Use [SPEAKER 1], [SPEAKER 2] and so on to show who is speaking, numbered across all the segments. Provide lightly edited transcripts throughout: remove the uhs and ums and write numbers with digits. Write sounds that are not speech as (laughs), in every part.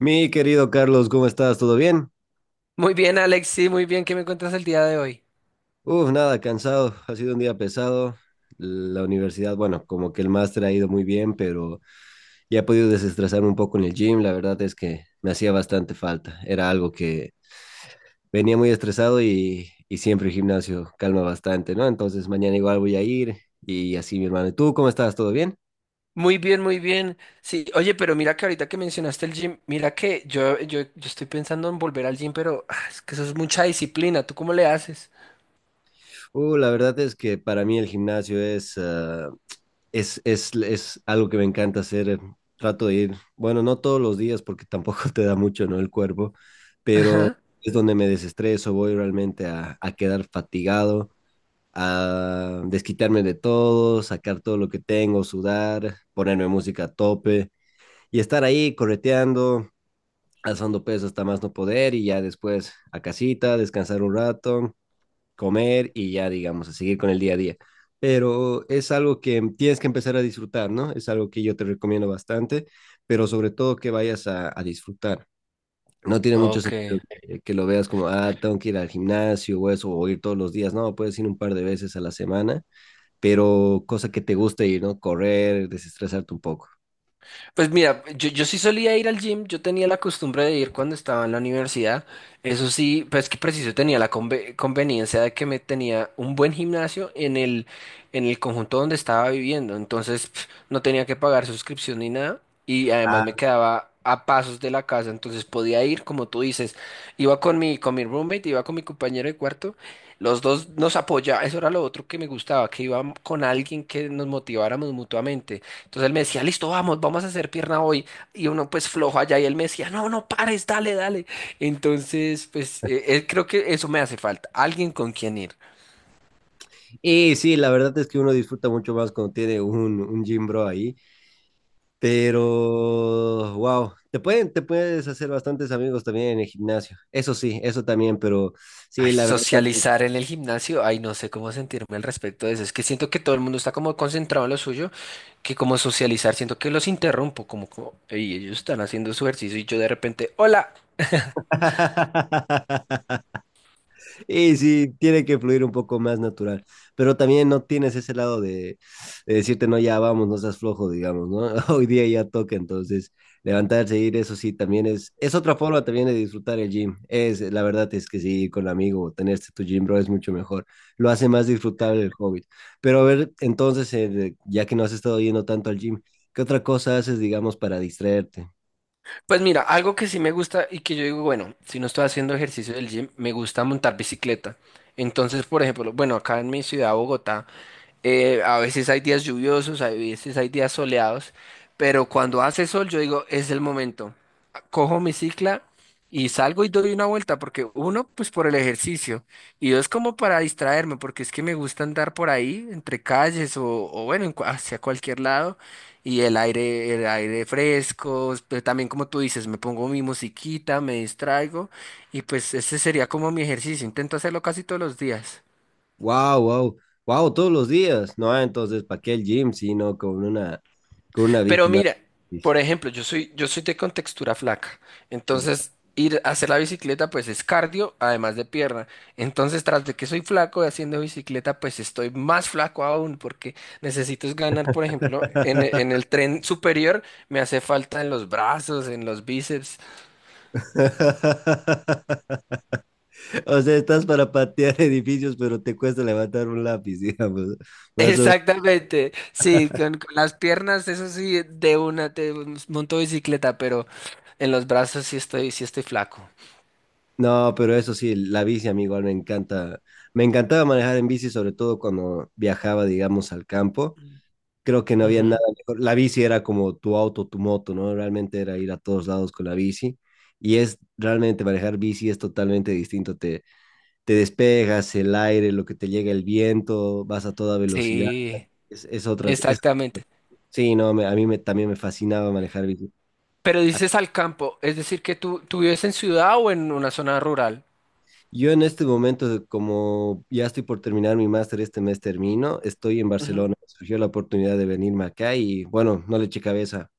[SPEAKER 1] Mi querido Carlos, ¿cómo estás? ¿Todo bien?
[SPEAKER 2] Muy bien, Alex, sí, muy bien. ¿Qué me cuentas el día de hoy?
[SPEAKER 1] Uf, nada, cansado. Ha sido un día pesado. La universidad, bueno, como que el máster ha ido muy bien, pero ya he podido desestresarme un poco en el gym. La verdad es que me hacía bastante falta. Era algo que venía muy estresado y siempre el gimnasio calma bastante, ¿no? Entonces mañana igual voy a ir y así, mi hermano. ¿Y tú cómo estás? ¿Todo bien?
[SPEAKER 2] Muy bien, muy bien. Sí, oye, pero mira que ahorita que mencionaste el gym, mira que yo estoy pensando en volver al gym, pero es que eso es mucha disciplina. ¿Tú cómo le haces?
[SPEAKER 1] La verdad es que para mí el gimnasio es algo que me encanta hacer. Trato de ir, bueno, no todos los días porque (laughs) tampoco te da mucho, ¿no? El cuerpo, pero
[SPEAKER 2] Ajá.
[SPEAKER 1] es donde me desestreso, voy realmente a quedar fatigado, a desquitarme de todo, sacar todo lo que tengo, sudar, ponerme música a tope y estar ahí correteando, alzando peso hasta más no poder y ya después a casita, descansar un rato comer y ya, digamos, a seguir con el día a día. Pero es algo que tienes que empezar a disfrutar, ¿no? Es algo que yo te recomiendo bastante, pero sobre todo que vayas a disfrutar. No tiene mucho
[SPEAKER 2] Ok.
[SPEAKER 1] sentido que lo veas como, ah, tengo que ir al gimnasio o eso, o ir todos los días. No, puedes ir un par de veces a la semana, pero cosa que te guste ir, ¿no? Correr, desestresarte un poco.
[SPEAKER 2] Pues mira, yo sí solía ir al gym, yo tenía la costumbre de ir cuando estaba en la universidad, eso sí, pues que preciso tenía la conveniencia de que me tenía un buen gimnasio en el conjunto donde estaba viviendo, entonces pf, no tenía que pagar suscripción ni nada y además
[SPEAKER 1] Ah.
[SPEAKER 2] me quedaba a pasos de la casa, entonces podía ir, como tú dices, iba con mi roommate, iba con mi compañero de cuarto, los dos nos apoyaba, eso era lo otro que me gustaba, que iba con alguien que nos motiváramos mutuamente. Entonces él me decía, listo, vamos, vamos a hacer pierna hoy. Y uno pues flojo allá y él me decía, no, no pares, dale, dale. Entonces, pues creo que eso me hace falta, alguien con quien ir.
[SPEAKER 1] Y sí, la verdad es que uno disfruta mucho más cuando tiene un gym bro ahí. Pero, wow, te pueden, te puedes hacer bastantes amigos también en el gimnasio. Eso sí, eso también, pero sí,
[SPEAKER 2] Ay,
[SPEAKER 1] la verdad.
[SPEAKER 2] socializar en el gimnasio, ay, no sé cómo sentirme al respecto de eso. Es que siento que todo el mundo está como concentrado en lo suyo, que como socializar, siento que los interrumpo, y ellos están haciendo su ejercicio y yo de repente, hola.
[SPEAKER 1] (laughs) Y sí, tiene que fluir un poco más natural, pero también no tienes ese lado de decirte, no, ya vamos, no seas flojo, digamos, ¿no? (laughs) Hoy día ya toca, entonces levantarse e ir, eso sí, también es otra forma también de disfrutar el gym. Es, la verdad es que sí, ir con amigo, o tenerte tu gym, bro, es mucho mejor. Lo hace más disfrutable el hobby. Pero a ver, entonces, ya que no has estado yendo tanto al gym, ¿qué otra cosa haces, digamos, para distraerte?
[SPEAKER 2] Pues mira, algo que sí me gusta y que yo digo, bueno, si no estoy haciendo ejercicio del gym, me gusta montar bicicleta. Entonces, por ejemplo, bueno, acá en mi ciudad, Bogotá, a veces hay días lluviosos, a veces hay días soleados, pero cuando hace sol, yo digo, es el momento. Cojo mi cicla y salgo y doy una vuelta, porque uno, pues por el ejercicio, y dos, como para distraerme, porque es que me gusta andar por ahí, entre calles o bueno, en hacia cualquier lado. Y el aire fresco, pero también como tú dices, me pongo mi musiquita, me distraigo y pues ese sería como mi ejercicio, intento hacerlo casi todos los días.
[SPEAKER 1] Wow, wow, wow, todos los días, ¿no? Ah, entonces, ¿para qué el gym? Sino con una bici
[SPEAKER 2] Pero
[SPEAKER 1] más.
[SPEAKER 2] mira, por ejemplo, yo soy de contextura flaca, entonces ir a hacer la bicicleta pues es cardio, además de pierna. Entonces, tras de que soy flaco y haciendo bicicleta, pues estoy más flaco aún porque necesito es ganar, por ejemplo, en
[SPEAKER 1] (laughs)
[SPEAKER 2] el tren superior me hace falta en los brazos, en los bíceps.
[SPEAKER 1] O sea, estás para patear edificios, pero te cuesta levantar un lápiz, (laughs) digamos. Más o-.
[SPEAKER 2] Exactamente, sí, con las piernas, eso sí, de una te monto bicicleta, pero en los brazos sí estoy flaco.
[SPEAKER 1] No, pero eso sí, la bici, amigo, me encanta. Me encantaba manejar en bici, sobre todo cuando viajaba, digamos, al campo. Creo que no había
[SPEAKER 2] Ujú.
[SPEAKER 1] nada mejor. La bici era como tu auto, tu moto, ¿no? Realmente era ir a todos lados con la bici. Y es realmente manejar bici es totalmente distinto. Te despegas, el aire, lo que te llega el viento, vas a toda velocidad.
[SPEAKER 2] Sí,
[SPEAKER 1] Es, es otra es,
[SPEAKER 2] exactamente.
[SPEAKER 1] sí, no, a mí me, también me fascinaba manejar bici.
[SPEAKER 2] Pero dices al campo, es decir, que tú vives en ciudad o en una zona rural.
[SPEAKER 1] Yo en este momento, como ya estoy por terminar mi máster, este mes termino, estoy en Barcelona. Surgió la oportunidad de venirme acá y bueno, no le eché cabeza,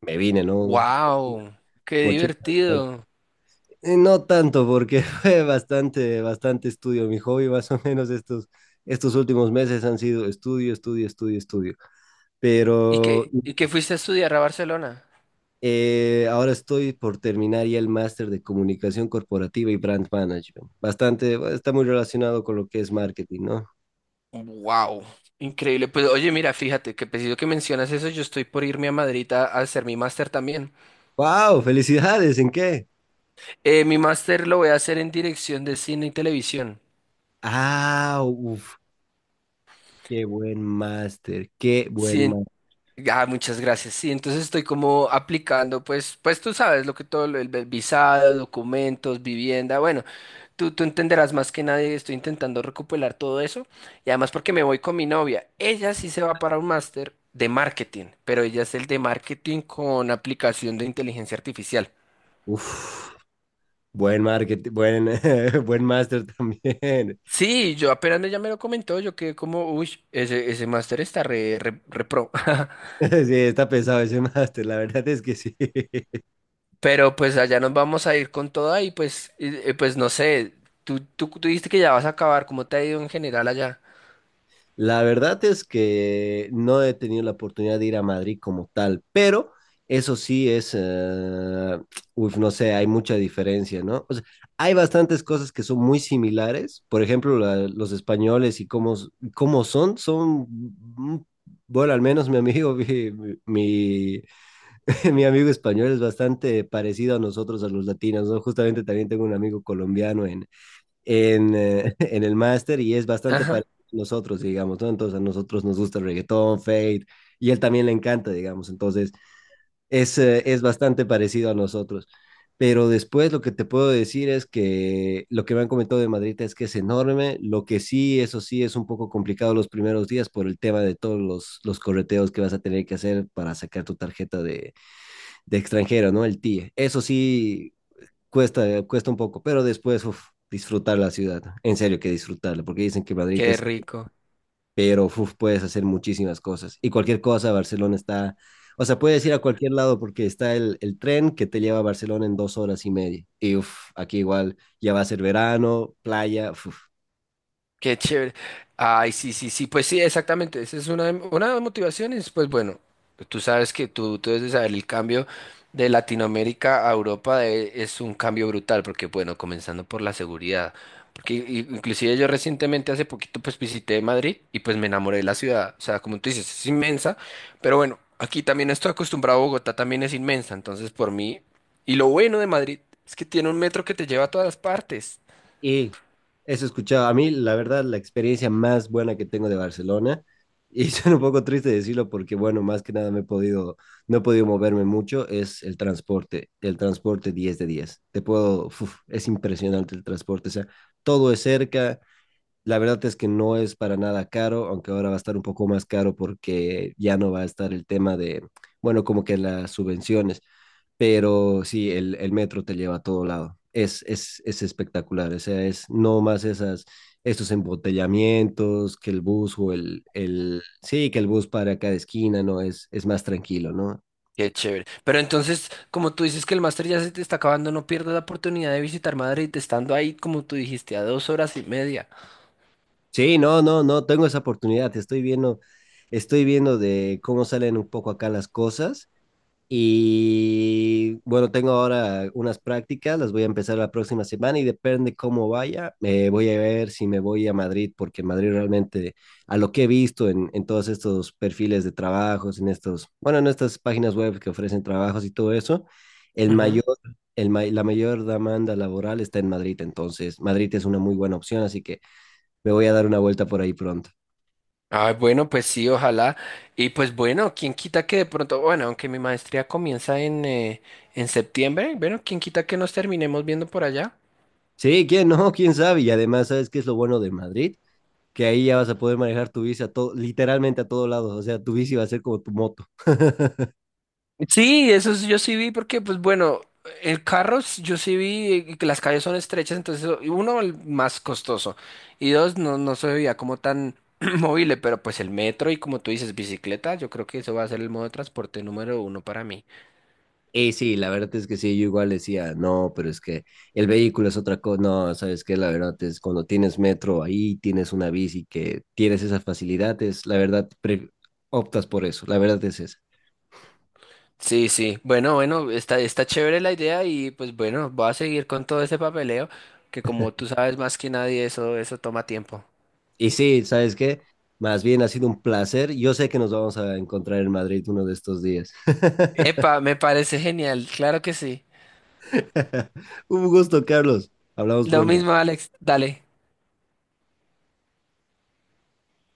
[SPEAKER 1] me vine, ¿no?
[SPEAKER 2] Wow, qué
[SPEAKER 1] Mochila.
[SPEAKER 2] divertido.
[SPEAKER 1] No tanto, porque (laughs) fue bastante, bastante estudio. Mi hobby, más o menos, estos últimos meses han sido estudio, estudio, estudio, estudio.
[SPEAKER 2] ¿Y
[SPEAKER 1] Pero
[SPEAKER 2] que fuiste a estudiar a Barcelona?
[SPEAKER 1] ahora estoy por terminar ya el máster de comunicación corporativa y brand management. Bastante, bueno, está muy relacionado con lo que es marketing, ¿no?
[SPEAKER 2] Wow, increíble. Pues oye, mira, fíjate que preciso que mencionas eso, yo estoy por irme a Madrid a hacer mi máster también.
[SPEAKER 1] ¡Wow! ¡Felicidades! ¿En qué?
[SPEAKER 2] Mi máster lo voy a hacer en dirección de cine y televisión.
[SPEAKER 1] ¡Ah! ¡Uf! ¡Qué buen máster! ¡Qué buen
[SPEAKER 2] Sí, en-
[SPEAKER 1] máster!
[SPEAKER 2] muchas gracias. Sí, entonces estoy como aplicando, pues tú sabes lo que todo, el visado, documentos, vivienda, bueno, tú entenderás más que nadie, estoy intentando recopilar todo eso. Y además porque me voy con mi novia, ella sí se va para un máster de marketing, pero ella es el de marketing con aplicación de inteligencia artificial.
[SPEAKER 1] ¡Uf! Buen marketing, buen, (laughs) buen máster también.
[SPEAKER 2] Sí, yo apenas ella me lo comentó, yo quedé como, uy, ese máster está re pro.
[SPEAKER 1] (laughs) Sí, está pesado ese (laughs) máster, la verdad es que sí. (laughs)
[SPEAKER 2] Pero pues allá nos vamos a ir con toda y pues no sé, tú dijiste que ya vas a acabar, ¿cómo te ha ido en general allá?
[SPEAKER 1] La verdad es que no he tenido la oportunidad de ir a Madrid como tal, pero eso sí es, uf, no sé, hay mucha diferencia, ¿no? O sea, hay bastantes cosas que son muy similares, por ejemplo, los españoles y cómo, cómo son, bueno, al menos mi amigo, (laughs) mi, mi, (laughs) mi amigo español es bastante parecido a nosotros, a los latinos, ¿no? Justamente también tengo un amigo colombiano en, (laughs) en el máster y es bastante
[SPEAKER 2] Ajá,
[SPEAKER 1] parecido a nosotros, digamos, ¿no? Entonces a nosotros nos gusta el reggaetón, Fate, y él también le encanta, digamos, entonces es bastante parecido a nosotros. Pero después lo que te puedo decir es que lo que me han comentado de Madrid es que es enorme, lo que sí, eso sí, es un poco complicado los primeros días por el tema de todos los correteos que vas a tener que hacer para sacar tu tarjeta de extranjero, ¿no? El TIE. Eso sí, cuesta, cuesta un poco, pero después, uf, disfrutar la ciudad. En serio que disfrutarla, porque dicen que Madrid
[SPEAKER 2] qué
[SPEAKER 1] es,
[SPEAKER 2] rico.
[SPEAKER 1] pero uf, puedes hacer muchísimas cosas. Y cualquier cosa, Barcelona está, o sea, puedes ir a cualquier lado porque está el tren que te lleva a Barcelona en dos horas y media. Y uf, aquí igual ya va a ser verano, playa, uf.
[SPEAKER 2] Qué chévere. Ay, sí, sí, sí, pues sí, exactamente. Esa es una de las motivaciones. Pues bueno, tú sabes que tú debes de saber el cambio de Latinoamérica a Europa es un cambio brutal, porque bueno, comenzando por la seguridad, porque inclusive yo recientemente, hace poquito, pues visité Madrid y pues me enamoré de la ciudad. O sea, como tú dices, es inmensa, pero bueno, aquí también estoy acostumbrado a Bogotá, también es inmensa, entonces por mí. Y lo bueno de Madrid es que tiene un metro que te lleva a todas partes.
[SPEAKER 1] Y eso he escuchado. A mí, la verdad, la experiencia más buena que tengo de Barcelona, y (laughs) suena un poco triste decirlo porque, bueno, más que nada no he podido moverme mucho, es el transporte. El transporte 10 de diez. Te puedo, uf, es impresionante el transporte. O sea, todo es cerca. La verdad es que no es para nada caro, aunque ahora va a estar un poco más caro porque ya no va a estar el tema de, bueno, como que las subvenciones, pero sí, el metro te lleva a todo lado. Es espectacular, o sea, es no más esas, estos embotellamientos, que el bus o sí, que el bus para cada esquina, no, es más tranquilo, ¿no?
[SPEAKER 2] Qué chévere. Pero entonces, como tú dices que el máster ya se te está acabando, no pierdas la oportunidad de visitar Madrid, estando ahí, como tú dijiste, a 2 horas y media.
[SPEAKER 1] Sí, no, no, no, tengo esa oportunidad, estoy viendo de cómo salen un poco acá las cosas. Y bueno, tengo ahora unas prácticas, las voy a empezar la próxima semana y depende cómo vaya, voy a ver si me voy a Madrid, porque Madrid realmente, a lo que he visto en todos estos perfiles de trabajos, en estos, bueno, en estas páginas web que ofrecen trabajos y todo eso, el
[SPEAKER 2] Ujú.
[SPEAKER 1] mayor, el, ma- la mayor demanda laboral está en Madrid, entonces Madrid es una muy buena opción, así que me voy a dar una vuelta por ahí pronto.
[SPEAKER 2] Ah, bueno, pues sí, ojalá. Y pues bueno, quién quita que de pronto, bueno, aunque mi maestría comienza en septiembre, bueno, quién quita que nos terminemos viendo por allá.
[SPEAKER 1] Sí, ¿quién no? ¿Quién sabe? Y además, ¿sabes qué es lo bueno de Madrid? Que ahí ya vas a poder manejar tu bici a todo, literalmente a todos lados, o sea, tu bici va a ser como tu moto. (laughs)
[SPEAKER 2] Sí, yo sí vi porque, pues bueno, el yo sí vi que las calles son estrechas, y uno, el más costoso, y dos, no, no se veía como tan (clears throat) móvil, pero pues el metro y como tú dices, bicicleta, yo creo que eso va a ser el modo de transporte número uno para mí.
[SPEAKER 1] Y sí, la verdad es que sí, yo igual decía, no, pero es que el vehículo es otra cosa, no, sabes que la verdad es cuando tienes metro ahí, tienes una bici que tienes esas facilidades, la verdad pre optas por eso, la verdad es esa.
[SPEAKER 2] Sí, sí, bueno, bueno, está chévere la idea y pues bueno, voy a seguir con todo ese papeleo, que como tú sabes más que nadie, eso toma tiempo.
[SPEAKER 1] Y sí, sabes qué, más bien ha sido un placer, yo sé que nos vamos a encontrar en Madrid uno de estos días. (laughs)
[SPEAKER 2] Epa, me parece genial, claro que sí.
[SPEAKER 1] Un gusto, Carlos, hablamos
[SPEAKER 2] Lo
[SPEAKER 1] pronto.
[SPEAKER 2] mismo, Alex, dale.